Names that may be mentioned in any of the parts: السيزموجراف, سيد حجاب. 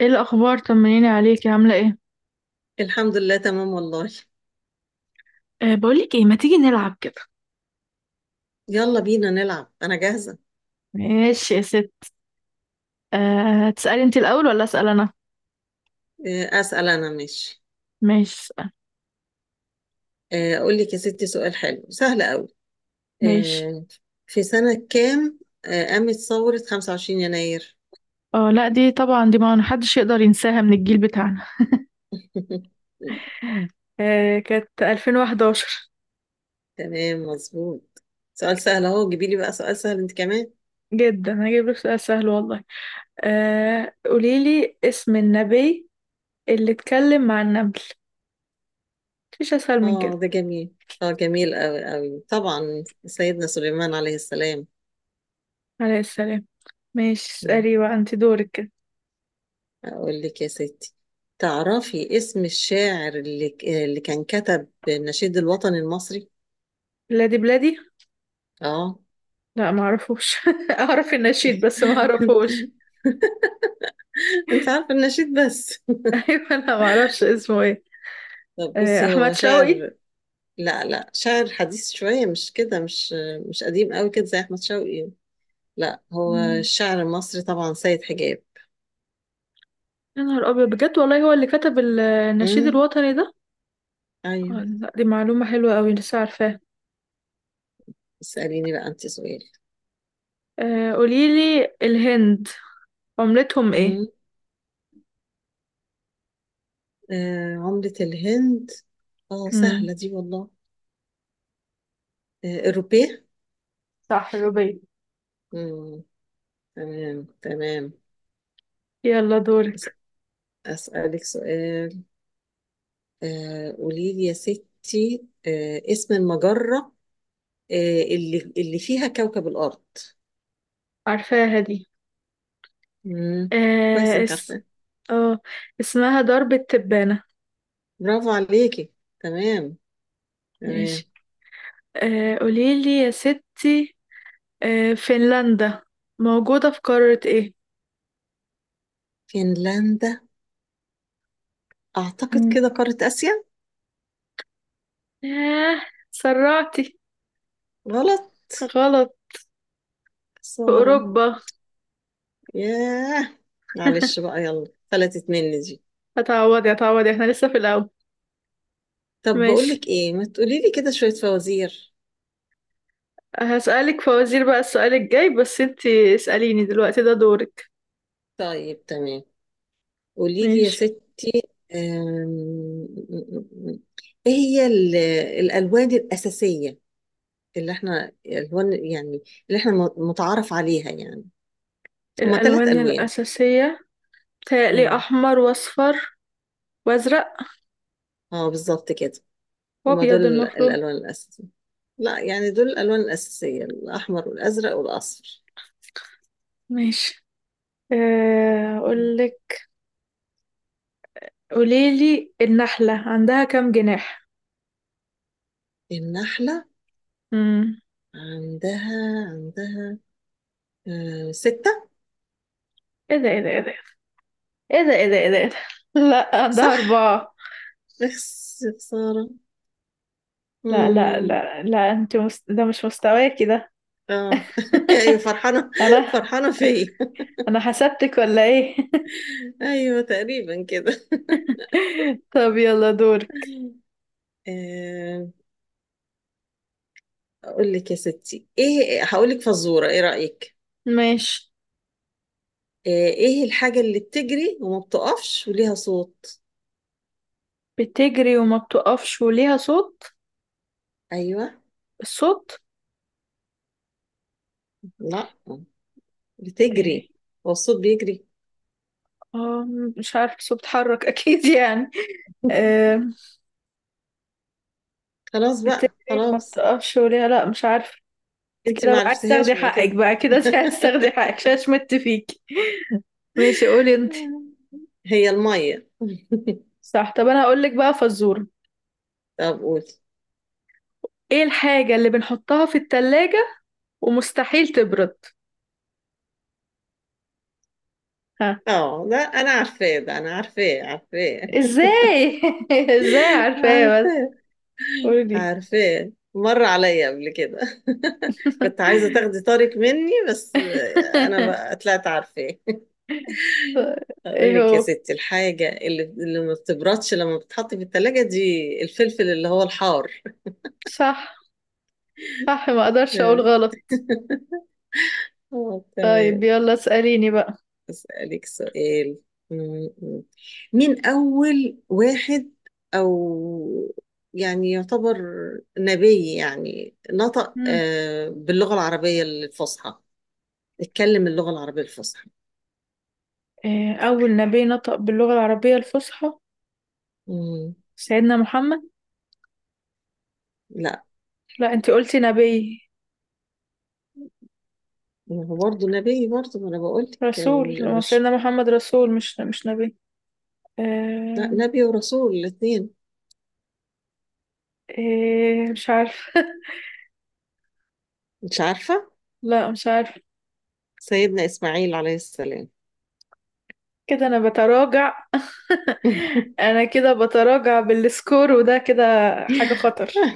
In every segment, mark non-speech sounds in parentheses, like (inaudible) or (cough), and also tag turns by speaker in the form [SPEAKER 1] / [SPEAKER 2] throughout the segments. [SPEAKER 1] ايه الاخبار؟ طمنيني عليكي، عامله ايه؟
[SPEAKER 2] الحمد لله تمام والله.
[SPEAKER 1] بقولك ايه، ما تيجي نلعب كده؟
[SPEAKER 2] يلا بينا نلعب، أنا جاهزة.
[SPEAKER 1] ماشي يا ست. تسالي انت الاول ولا اسال انا؟
[SPEAKER 2] أسأل أنا، ماشي.
[SPEAKER 1] ماشي، اسال.
[SPEAKER 2] أقول لك يا ستي سؤال حلو سهل قوي.
[SPEAKER 1] ماشي.
[SPEAKER 2] آه، في سنة كام قامت ثورة 25 يناير؟
[SPEAKER 1] اه لا، دي طبعا، دي ما حدش يقدر ينساها من الجيل بتاعنا.
[SPEAKER 2] (laughs)
[SPEAKER 1] (laughs) كانت 2011.
[SPEAKER 2] تمام مظبوط. سؤال سهل أهو، جيبي لي بقى سؤال سهل أنت كمان.
[SPEAKER 1] جدا هجيب لك سؤال سهل والله. قولي لي اسم النبي اللي اتكلم مع النمل. مفيش اسهل من
[SPEAKER 2] آه
[SPEAKER 1] كده.
[SPEAKER 2] ده جميل، جميل قوي قوي، طبعا سيدنا سليمان عليه السلام.
[SPEAKER 1] عليه السلام. ماشي،
[SPEAKER 2] مم.
[SPEAKER 1] اسالي بقى، انت دورك كده.
[SPEAKER 2] أقول لك يا ستي، تعرفي اسم الشاعر اللي كان كتب النشيد الوطني المصري؟
[SPEAKER 1] بلادي بلادي.
[SPEAKER 2] اه.
[SPEAKER 1] لا، ما اعرفوش. (laughs) اعرف النشيد بس ما اعرفوش.
[SPEAKER 2] (laughs) انت عارفه النشيد بس.
[SPEAKER 1] (laughs) ايوه، انا ما اعرفش اسمه ايه.
[SPEAKER 2] طب بصي، هو
[SPEAKER 1] احمد
[SPEAKER 2] شاعر.
[SPEAKER 1] شوقي.
[SPEAKER 2] لا لا، شاعر حديث شويه، مش كده، مش قديم قوي كده زي احمد شوقي. لا، هو
[SPEAKER 1] مم.
[SPEAKER 2] الشاعر المصري طبعا سيد حجاب.
[SPEAKER 1] يا نهار أبيض، بجد والله هو اللي كتب النشيد
[SPEAKER 2] امم.
[SPEAKER 1] الوطني ده.
[SPEAKER 2] ايوه.
[SPEAKER 1] لا، دي معلومة حلوة أوي لسه عارفاها.
[SPEAKER 2] اساليني بقى انت سؤال.
[SPEAKER 1] قوليلي، الهند عملتهم إيه؟
[SPEAKER 2] امم عملة الهند. اه
[SPEAKER 1] مم.
[SPEAKER 2] سهله دي والله. الروبيه.
[SPEAKER 1] صح، روبي.
[SPEAKER 2] امم. تمام تمام.
[SPEAKER 1] يلا،
[SPEAKER 2] أس-
[SPEAKER 1] دورك.
[SPEAKER 2] اسالك سؤال. قولي لي يا ستي، اسم المجره، اللي فيها كوكب الأرض.
[SPEAKER 1] عارفاها دي.
[SPEAKER 2] مم. كويس
[SPEAKER 1] آه
[SPEAKER 2] إنك
[SPEAKER 1] اس
[SPEAKER 2] عارفة.
[SPEAKER 1] اه، اسمها درب التبانة.
[SPEAKER 2] برافو عليكي. تمام تمام.
[SPEAKER 1] ماشي. قوليلي يا ستي، فنلندا موجودة في قارة ايه؟
[SPEAKER 2] فنلندا، أعتقد
[SPEAKER 1] مم.
[SPEAKER 2] كده قارة آسيا.
[SPEAKER 1] ياه، سرعتي.
[SPEAKER 2] غلط.
[SPEAKER 1] غلط. في
[SPEAKER 2] خسارة.
[SPEAKER 1] أوروبا.
[SPEAKER 2] ياه. معلش بقى، يلا فلتت مني دي.
[SPEAKER 1] هتعوضي هتعوضي، احنا لسه في الأول.
[SPEAKER 2] طب بقول
[SPEAKER 1] ماشي،
[SPEAKER 2] لك إيه، ما تقولي لي كده شوية فوازير.
[SPEAKER 1] هسألك فوازير بقى السؤال الجاي، بس انتي اسأليني دلوقتي، ده دورك.
[SPEAKER 2] طيب تمام. قولي لي يا
[SPEAKER 1] ماشي.
[SPEAKER 2] ست. آم، إيه هي الألوان الأساسية؟ اللي احنا الألوان يعني، اللي احنا متعارف عليها يعني. هما ثلاث
[SPEAKER 1] الألوان
[SPEAKER 2] ألوان.
[SPEAKER 1] الأساسية؟ بتهيألي
[SPEAKER 2] امم.
[SPEAKER 1] أحمر وأصفر وأزرق
[SPEAKER 2] اه بالظبط كده. هما دول
[SPEAKER 1] وأبيض المفروض.
[SPEAKER 2] الألوان الأساسية. لا، يعني دول الألوان الأساسية الأحمر والأزرق والأصفر.
[SPEAKER 1] ماشي.
[SPEAKER 2] مم.
[SPEAKER 1] أقولك. قوليلي، النحلة عندها كام جناح؟
[SPEAKER 2] النحلة
[SPEAKER 1] مم.
[SPEAKER 2] عندها ستة.
[SPEAKER 1] ايه ده، ايه ده، ايه ده، ايه ده، ايه ده، ايه ده، إيه ده؟ (laughs) لا، عندها
[SPEAKER 2] صح؟
[SPEAKER 1] أربعة.
[SPEAKER 2] بس يا خسارة.
[SPEAKER 1] لا لا
[SPEAKER 2] امم.
[SPEAKER 1] لا لا، انت ده مش مستواكي ده.
[SPEAKER 2] اه. (laughs) ايوه
[SPEAKER 1] (laughs)
[SPEAKER 2] فرحانة،
[SPEAKER 1] انا
[SPEAKER 2] فرحانة فيا. (laughs)
[SPEAKER 1] انا حسبتك ولا ايه؟ (laughs)
[SPEAKER 2] ايوه تقريبا كده.
[SPEAKER 1] طب، يلا دورك.
[SPEAKER 2] آه اقول لك يا ستي ايه، هقول لك فزورة، ايه رأيك؟
[SPEAKER 1] ماشي.
[SPEAKER 2] ايه الحاجة اللي بتجري وما بتقفش وليها صوت؟
[SPEAKER 1] بتجري وما بتقفش وليها صوت؟
[SPEAKER 2] ايوه.
[SPEAKER 1] الصوت.
[SPEAKER 2] لا، بتجري.
[SPEAKER 1] ايه؟
[SPEAKER 2] هو الصوت بيجري.
[SPEAKER 1] اه، مش عارف، صوت بتحرك، (laughs) اكيد يعني.
[SPEAKER 2] (laughs)
[SPEAKER 1] آه.
[SPEAKER 2] خلاص بقى،
[SPEAKER 1] بتجري وما
[SPEAKER 2] خلاص.
[SPEAKER 1] بتقفش وليها، لا مش عارف. انت
[SPEAKER 2] انت
[SPEAKER 1] كده
[SPEAKER 2] ما
[SPEAKER 1] بقى عايز
[SPEAKER 2] عرفتهاش
[SPEAKER 1] تاخدي
[SPEAKER 2] يبقى
[SPEAKER 1] حقك
[SPEAKER 2] كده.
[SPEAKER 1] بقى كده، انت عايز تاخدي
[SPEAKER 2] (laughs)
[SPEAKER 1] حقك ششمت فيكي. ماشي، قولي انت.
[SPEAKER 2] هي الميه.
[SPEAKER 1] صح. طب انا هقول لك بقى فزورة.
[SPEAKER 2] (laughs) طب قولي.
[SPEAKER 1] ايه الحاجة اللي بنحطها في التلاجة ومستحيل تبرد؟ ها؟
[SPEAKER 2] اه لا، انا عارفاه ده، انا عارفاه عارفاه.
[SPEAKER 1] ازاي؟ (laughs) ازاي
[SPEAKER 2] (laughs)
[SPEAKER 1] عارفاه بس؟
[SPEAKER 2] عارفاه
[SPEAKER 1] قولي.
[SPEAKER 2] عارفاه، مر عليا قبل كده. (laughs)
[SPEAKER 1] (laughs)
[SPEAKER 2] كنت عايزه تاخدي طارق مني بس. انا بقى طلعت عارفاه. اقول
[SPEAKER 1] ايه
[SPEAKER 2] لك يا
[SPEAKER 1] هو؟
[SPEAKER 2] ستي الحاجه اللي ما بتبردش لما بتتحط في الثلاجه دي، الفلفل اللي هو الحار.
[SPEAKER 1] صح، صح، ما اقدرش اقول
[SPEAKER 2] (laughs)
[SPEAKER 1] غلط.
[SPEAKER 2] اه
[SPEAKER 1] طيب،
[SPEAKER 2] تمام.
[SPEAKER 1] يلا اسأليني بقى.
[SPEAKER 2] اسالك سؤال. م- م. مين اول واحد، او يعني يعتبر نبي يعني نطق
[SPEAKER 1] مم.
[SPEAKER 2] باللغه العربيه الفصحى، اتكلم اللغه العربيه الفصحى؟
[SPEAKER 1] إيه اول نبي نطق باللغة العربية الفصحى؟
[SPEAKER 2] مم.
[SPEAKER 1] سيدنا محمد.
[SPEAKER 2] لا،
[SPEAKER 1] لا، انتي قلتي نبي.
[SPEAKER 2] ما هو برضه نبي برضه، ما انا بقول لك
[SPEAKER 1] رسول، ما سيدنا محمد رسول، مش نبي.
[SPEAKER 2] لا،
[SPEAKER 1] إيه؟
[SPEAKER 2] نبي ورسول الاثنين.
[SPEAKER 1] إيه، مش عارف.
[SPEAKER 2] مش عارفه.
[SPEAKER 1] (laughs) لا، مش عارف.
[SPEAKER 2] سيدنا إسماعيل عليه السلام.
[SPEAKER 1] كده انا بتراجع. (laughs)
[SPEAKER 2] (laughs)
[SPEAKER 1] انا كده بتراجع بالسكور وده كده، حاجة خطر.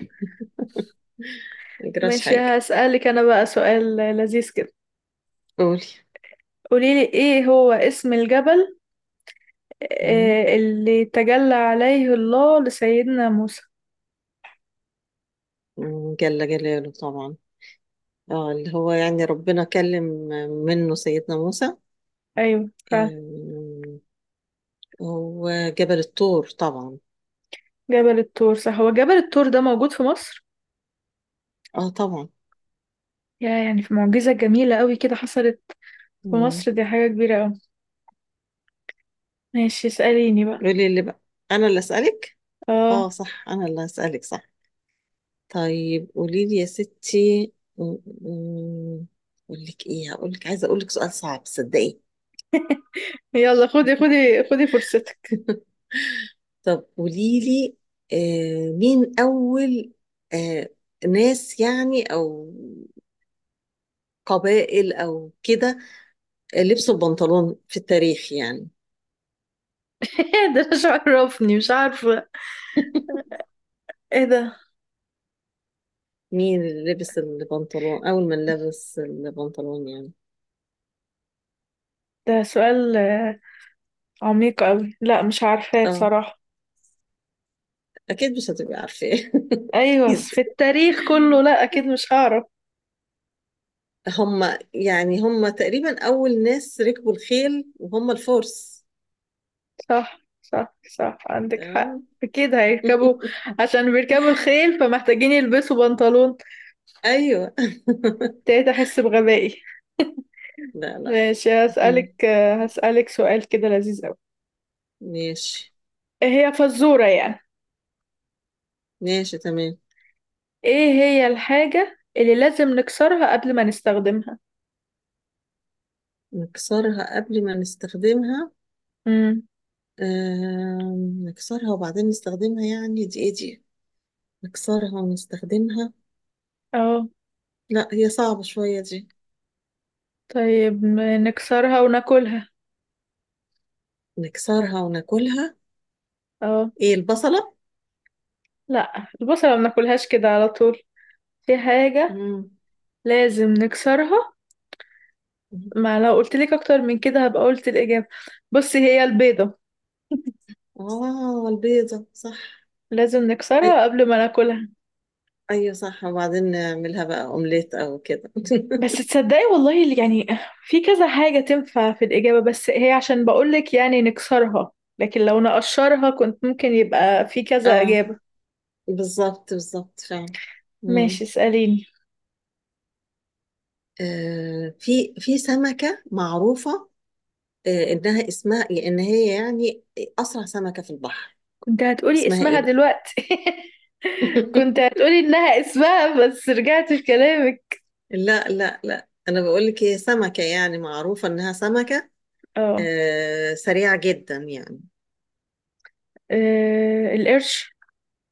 [SPEAKER 2] ما يجراش
[SPEAKER 1] ماشي،
[SPEAKER 2] حاجة.
[SPEAKER 1] هسألك انا بقى سؤال لذيذ كده.
[SPEAKER 2] قولي.
[SPEAKER 1] قوليلي، ايه هو اسم الجبل
[SPEAKER 2] مم.
[SPEAKER 1] اللي تجلى عليه الله لسيدنا موسى؟
[SPEAKER 2] جل جلاله طبعا. اه، اللي هو يعني ربنا كلم منه سيدنا موسى.
[SPEAKER 1] ايوه، فعلا.
[SPEAKER 2] آم، هو جبل الطور طبعا.
[SPEAKER 1] جبل الطور، صح، هو جبل الطور ده موجود في مصر؟
[SPEAKER 2] اه طبعا.
[SPEAKER 1] يعني في معجزة جميلة قوي كده حصلت في
[SPEAKER 2] مم.
[SPEAKER 1] مصر، دي حاجة كبيرة قوي. ماشي، اسأليني بقى.
[SPEAKER 2] قولي اللي بقى، انا اللي اسالك.
[SPEAKER 1] اه.
[SPEAKER 2] اه صح، انا اللي اسالك صح. طيب قولي لي يا ستي. مم، مم، اقول لك ايه، هقول لك، عايزه اقول لك سؤال صعب صدقي.
[SPEAKER 1] يلا، خدي خدي خدي فرصتك.
[SPEAKER 2] طب قوليلي، مين أول آه ناس يعني، أو قبائل أو كده، لبسوا البنطلون في التاريخ يعني.
[SPEAKER 1] (laughs) إيه ده، مش عرفني، مش عارفة.
[SPEAKER 2] (laughs)
[SPEAKER 1] ايه ده؟
[SPEAKER 2] مين اللي لبس البنطلون، أول من لبس البنطلون يعني.
[SPEAKER 1] ده سؤال عميق قوي. لا، مش عارفاه
[SPEAKER 2] اه.
[SPEAKER 1] بصراحة.
[SPEAKER 2] أكيد مش هتبقي عارفة. (laughs)
[SPEAKER 1] ايوه، بس
[SPEAKER 2] أكيد.
[SPEAKER 1] في التاريخ كله، لا اكيد مش هعرف.
[SPEAKER 2] هم، يعني هم تقريبا أول ناس ركبوا الخيل، وهم الفرس.
[SPEAKER 1] صح صح صح، عندك حق،
[SPEAKER 2] تمام.
[SPEAKER 1] أكيد هيركبوا.
[SPEAKER 2] (laughs)
[SPEAKER 1] عشان بيركبوا الخيل فمحتاجين يلبسوا بنطلون.
[SPEAKER 2] أيوه.
[SPEAKER 1] ابتديت أحس بغبائي.
[SPEAKER 2] (laughs) لا لا.
[SPEAKER 1] ماشي،
[SPEAKER 2] مم.
[SPEAKER 1] هسألك سؤال كده لذيذ أوي.
[SPEAKER 2] ماشي.
[SPEAKER 1] إيه هي فزورة يعني؟
[SPEAKER 2] ماشي تمام.
[SPEAKER 1] إيه هي الحاجة اللي لازم نكسرها قبل ما نستخدمها؟
[SPEAKER 2] نكسرها قبل ما نستخدمها؟
[SPEAKER 1] امم.
[SPEAKER 2] آه نكسرها وبعدين نستخدمها، يعني دي ايه دي؟ نكسرها ونستخدمها.
[SPEAKER 1] اه.
[SPEAKER 2] لا، هي صعبة شوية دي.
[SPEAKER 1] طيب، نكسرها وناكلها.
[SPEAKER 2] نكسرها وناكلها.
[SPEAKER 1] اه.
[SPEAKER 2] ايه، البصلة؟
[SPEAKER 1] لا، البصلة ما بناكلهاش كده على طول، في حاجة
[SPEAKER 2] مم.
[SPEAKER 1] لازم نكسرها. ما لو قلت لك اكتر من كده هبقى قلت الإجابة. بصي، هي البيضة.
[SPEAKER 2] اه البيضة صح.
[SPEAKER 1] لازم نكسرها
[SPEAKER 2] ايوه.
[SPEAKER 1] قبل ما ناكلها.
[SPEAKER 2] ايوه صح، وبعدين نعملها بقى اومليت او كده. (laughs)
[SPEAKER 1] بس تصدقي والله، اللي يعني في كذا حاجة تنفع في الإجابة، بس هي عشان بقولك يعني نكسرها، لكن لو نقشرها كنت ممكن يبقى في كذا
[SPEAKER 2] اه
[SPEAKER 1] إجابة.
[SPEAKER 2] بالظبط بالظبط فعلا. مم.
[SPEAKER 1] ماشي، اسأليني.
[SPEAKER 2] في سمكة معروفة، انها اسمها إيه، ان هي يعني اسرع سمكة في البحر.
[SPEAKER 1] كنت هتقولي
[SPEAKER 2] اسمها ايه
[SPEAKER 1] اسمها
[SPEAKER 2] بقى؟
[SPEAKER 1] دلوقتي. (laughs) كنت
[SPEAKER 2] (laughs)
[SPEAKER 1] هتقولي إنها اسمها بس رجعت في كلامك.
[SPEAKER 2] لا لا لا، انا بقول لك هي سمكة يعني معروفة انها سمكة
[SPEAKER 1] اه.
[SPEAKER 2] سريعة جدا يعني.
[SPEAKER 1] القرش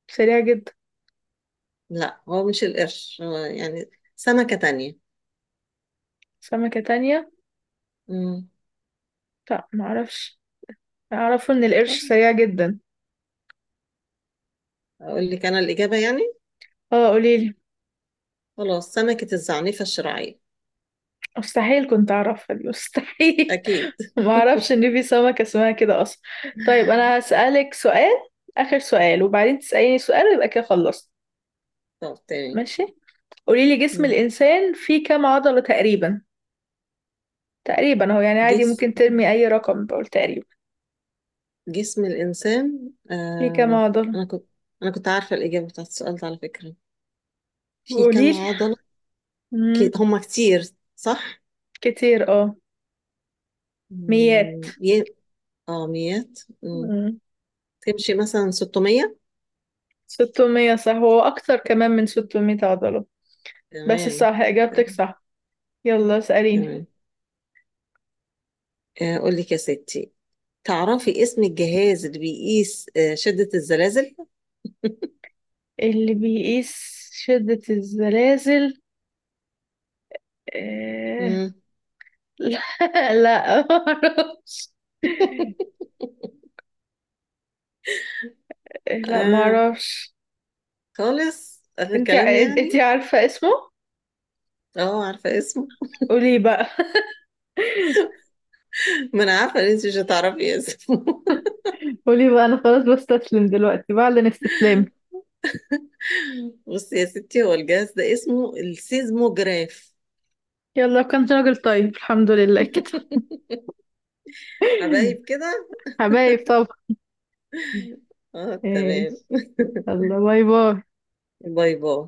[SPEAKER 1] سريع جدا.
[SPEAKER 2] لا، هو مش القرش، هو يعني سمكة تانية.
[SPEAKER 1] سمكة تانية؟
[SPEAKER 2] مم.
[SPEAKER 1] لا، معرفش. أعرفه إن
[SPEAKER 2] طب
[SPEAKER 1] القرش سريع جدا.
[SPEAKER 2] اقول لك انا الإجابة يعني،
[SPEAKER 1] اه، قوليلي.
[SPEAKER 2] خلاص، سمكة الزعنفة الشراعية.
[SPEAKER 1] مستحيل، كنت اعرفها دي؟ مستحيل.
[SPEAKER 2] اكيد.
[SPEAKER 1] (laughs) ما
[SPEAKER 2] (laughs)
[SPEAKER 1] اعرفش ان في سمكة اسمها كده اصلا. طيب، انا هسألك سؤال، اخر سؤال، وبعدين تسأليني سؤال ويبقى كده خلصت.
[SPEAKER 2] طب تاني.
[SPEAKER 1] ماشي. قولي لي، جسم
[SPEAKER 2] مم.
[SPEAKER 1] الانسان فيه كام عضلة تقريبا؟ تقريبا، هو يعني عادي،
[SPEAKER 2] جس
[SPEAKER 1] ممكن ترمي اي رقم، بقول تقريبا.
[SPEAKER 2] جسم الإنسان،
[SPEAKER 1] فيه كام عضلة؟
[SPEAKER 2] أنا كنت أنا كنت عارفة الإجابة بتاعت السؤال ده على فكرة، في
[SPEAKER 1] قولي
[SPEAKER 2] كم
[SPEAKER 1] لي.
[SPEAKER 2] عضلة.
[SPEAKER 1] مم.
[SPEAKER 2] هما كتير. صح؟
[SPEAKER 1] كتير، اه. ميات،
[SPEAKER 2] مم، ي- اه ميات.
[SPEAKER 1] مم.
[SPEAKER 2] تمشي مثلا 600.
[SPEAKER 1] 600؟ صح، هو اكتر كمان من 600 عضلة. بس
[SPEAKER 2] تمام
[SPEAKER 1] صح، اجابتك صح. يلا، اسأليني.
[SPEAKER 2] تمام. قول لك يا ستي، تعرفي اسم الجهاز اللي بيقيس شدة الزلازل؟
[SPEAKER 1] اللي بيقيس شدة الزلازل؟ آه...
[SPEAKER 2] مم.
[SPEAKER 1] (laughs) لا. لا، معرفش.
[SPEAKER 2] (laughs)
[SPEAKER 1] لا،
[SPEAKER 2] آه
[SPEAKER 1] معرفش.
[SPEAKER 2] خالص آخر
[SPEAKER 1] انت
[SPEAKER 2] كلام
[SPEAKER 1] انت
[SPEAKER 2] يعني.
[SPEAKER 1] عارفة اسمه.
[SPEAKER 2] اه عارفة اسمه.
[SPEAKER 1] قولي بقى. (laughs)
[SPEAKER 2] (laughs) ما انا عارفة ان انت مش هتعرفي اسمه.
[SPEAKER 1] قولي بقى، انا خلاص بستسلم دلوقتي، بعلن استسلامي.
[SPEAKER 2] (laughs) بصي يا ستي، هو الجهاز ده اسمه السيزموجراف.
[SPEAKER 1] يلا، كان راجل طيب، الحمد لله كده.
[SPEAKER 2] (laughs)
[SPEAKER 1] (laughs)
[SPEAKER 2] حبايب كده.
[SPEAKER 1] حبايب طبعا.
[SPEAKER 2] اه تمام.
[SPEAKER 1] ماشي. يلا، باي باي.
[SPEAKER 2] باي باي.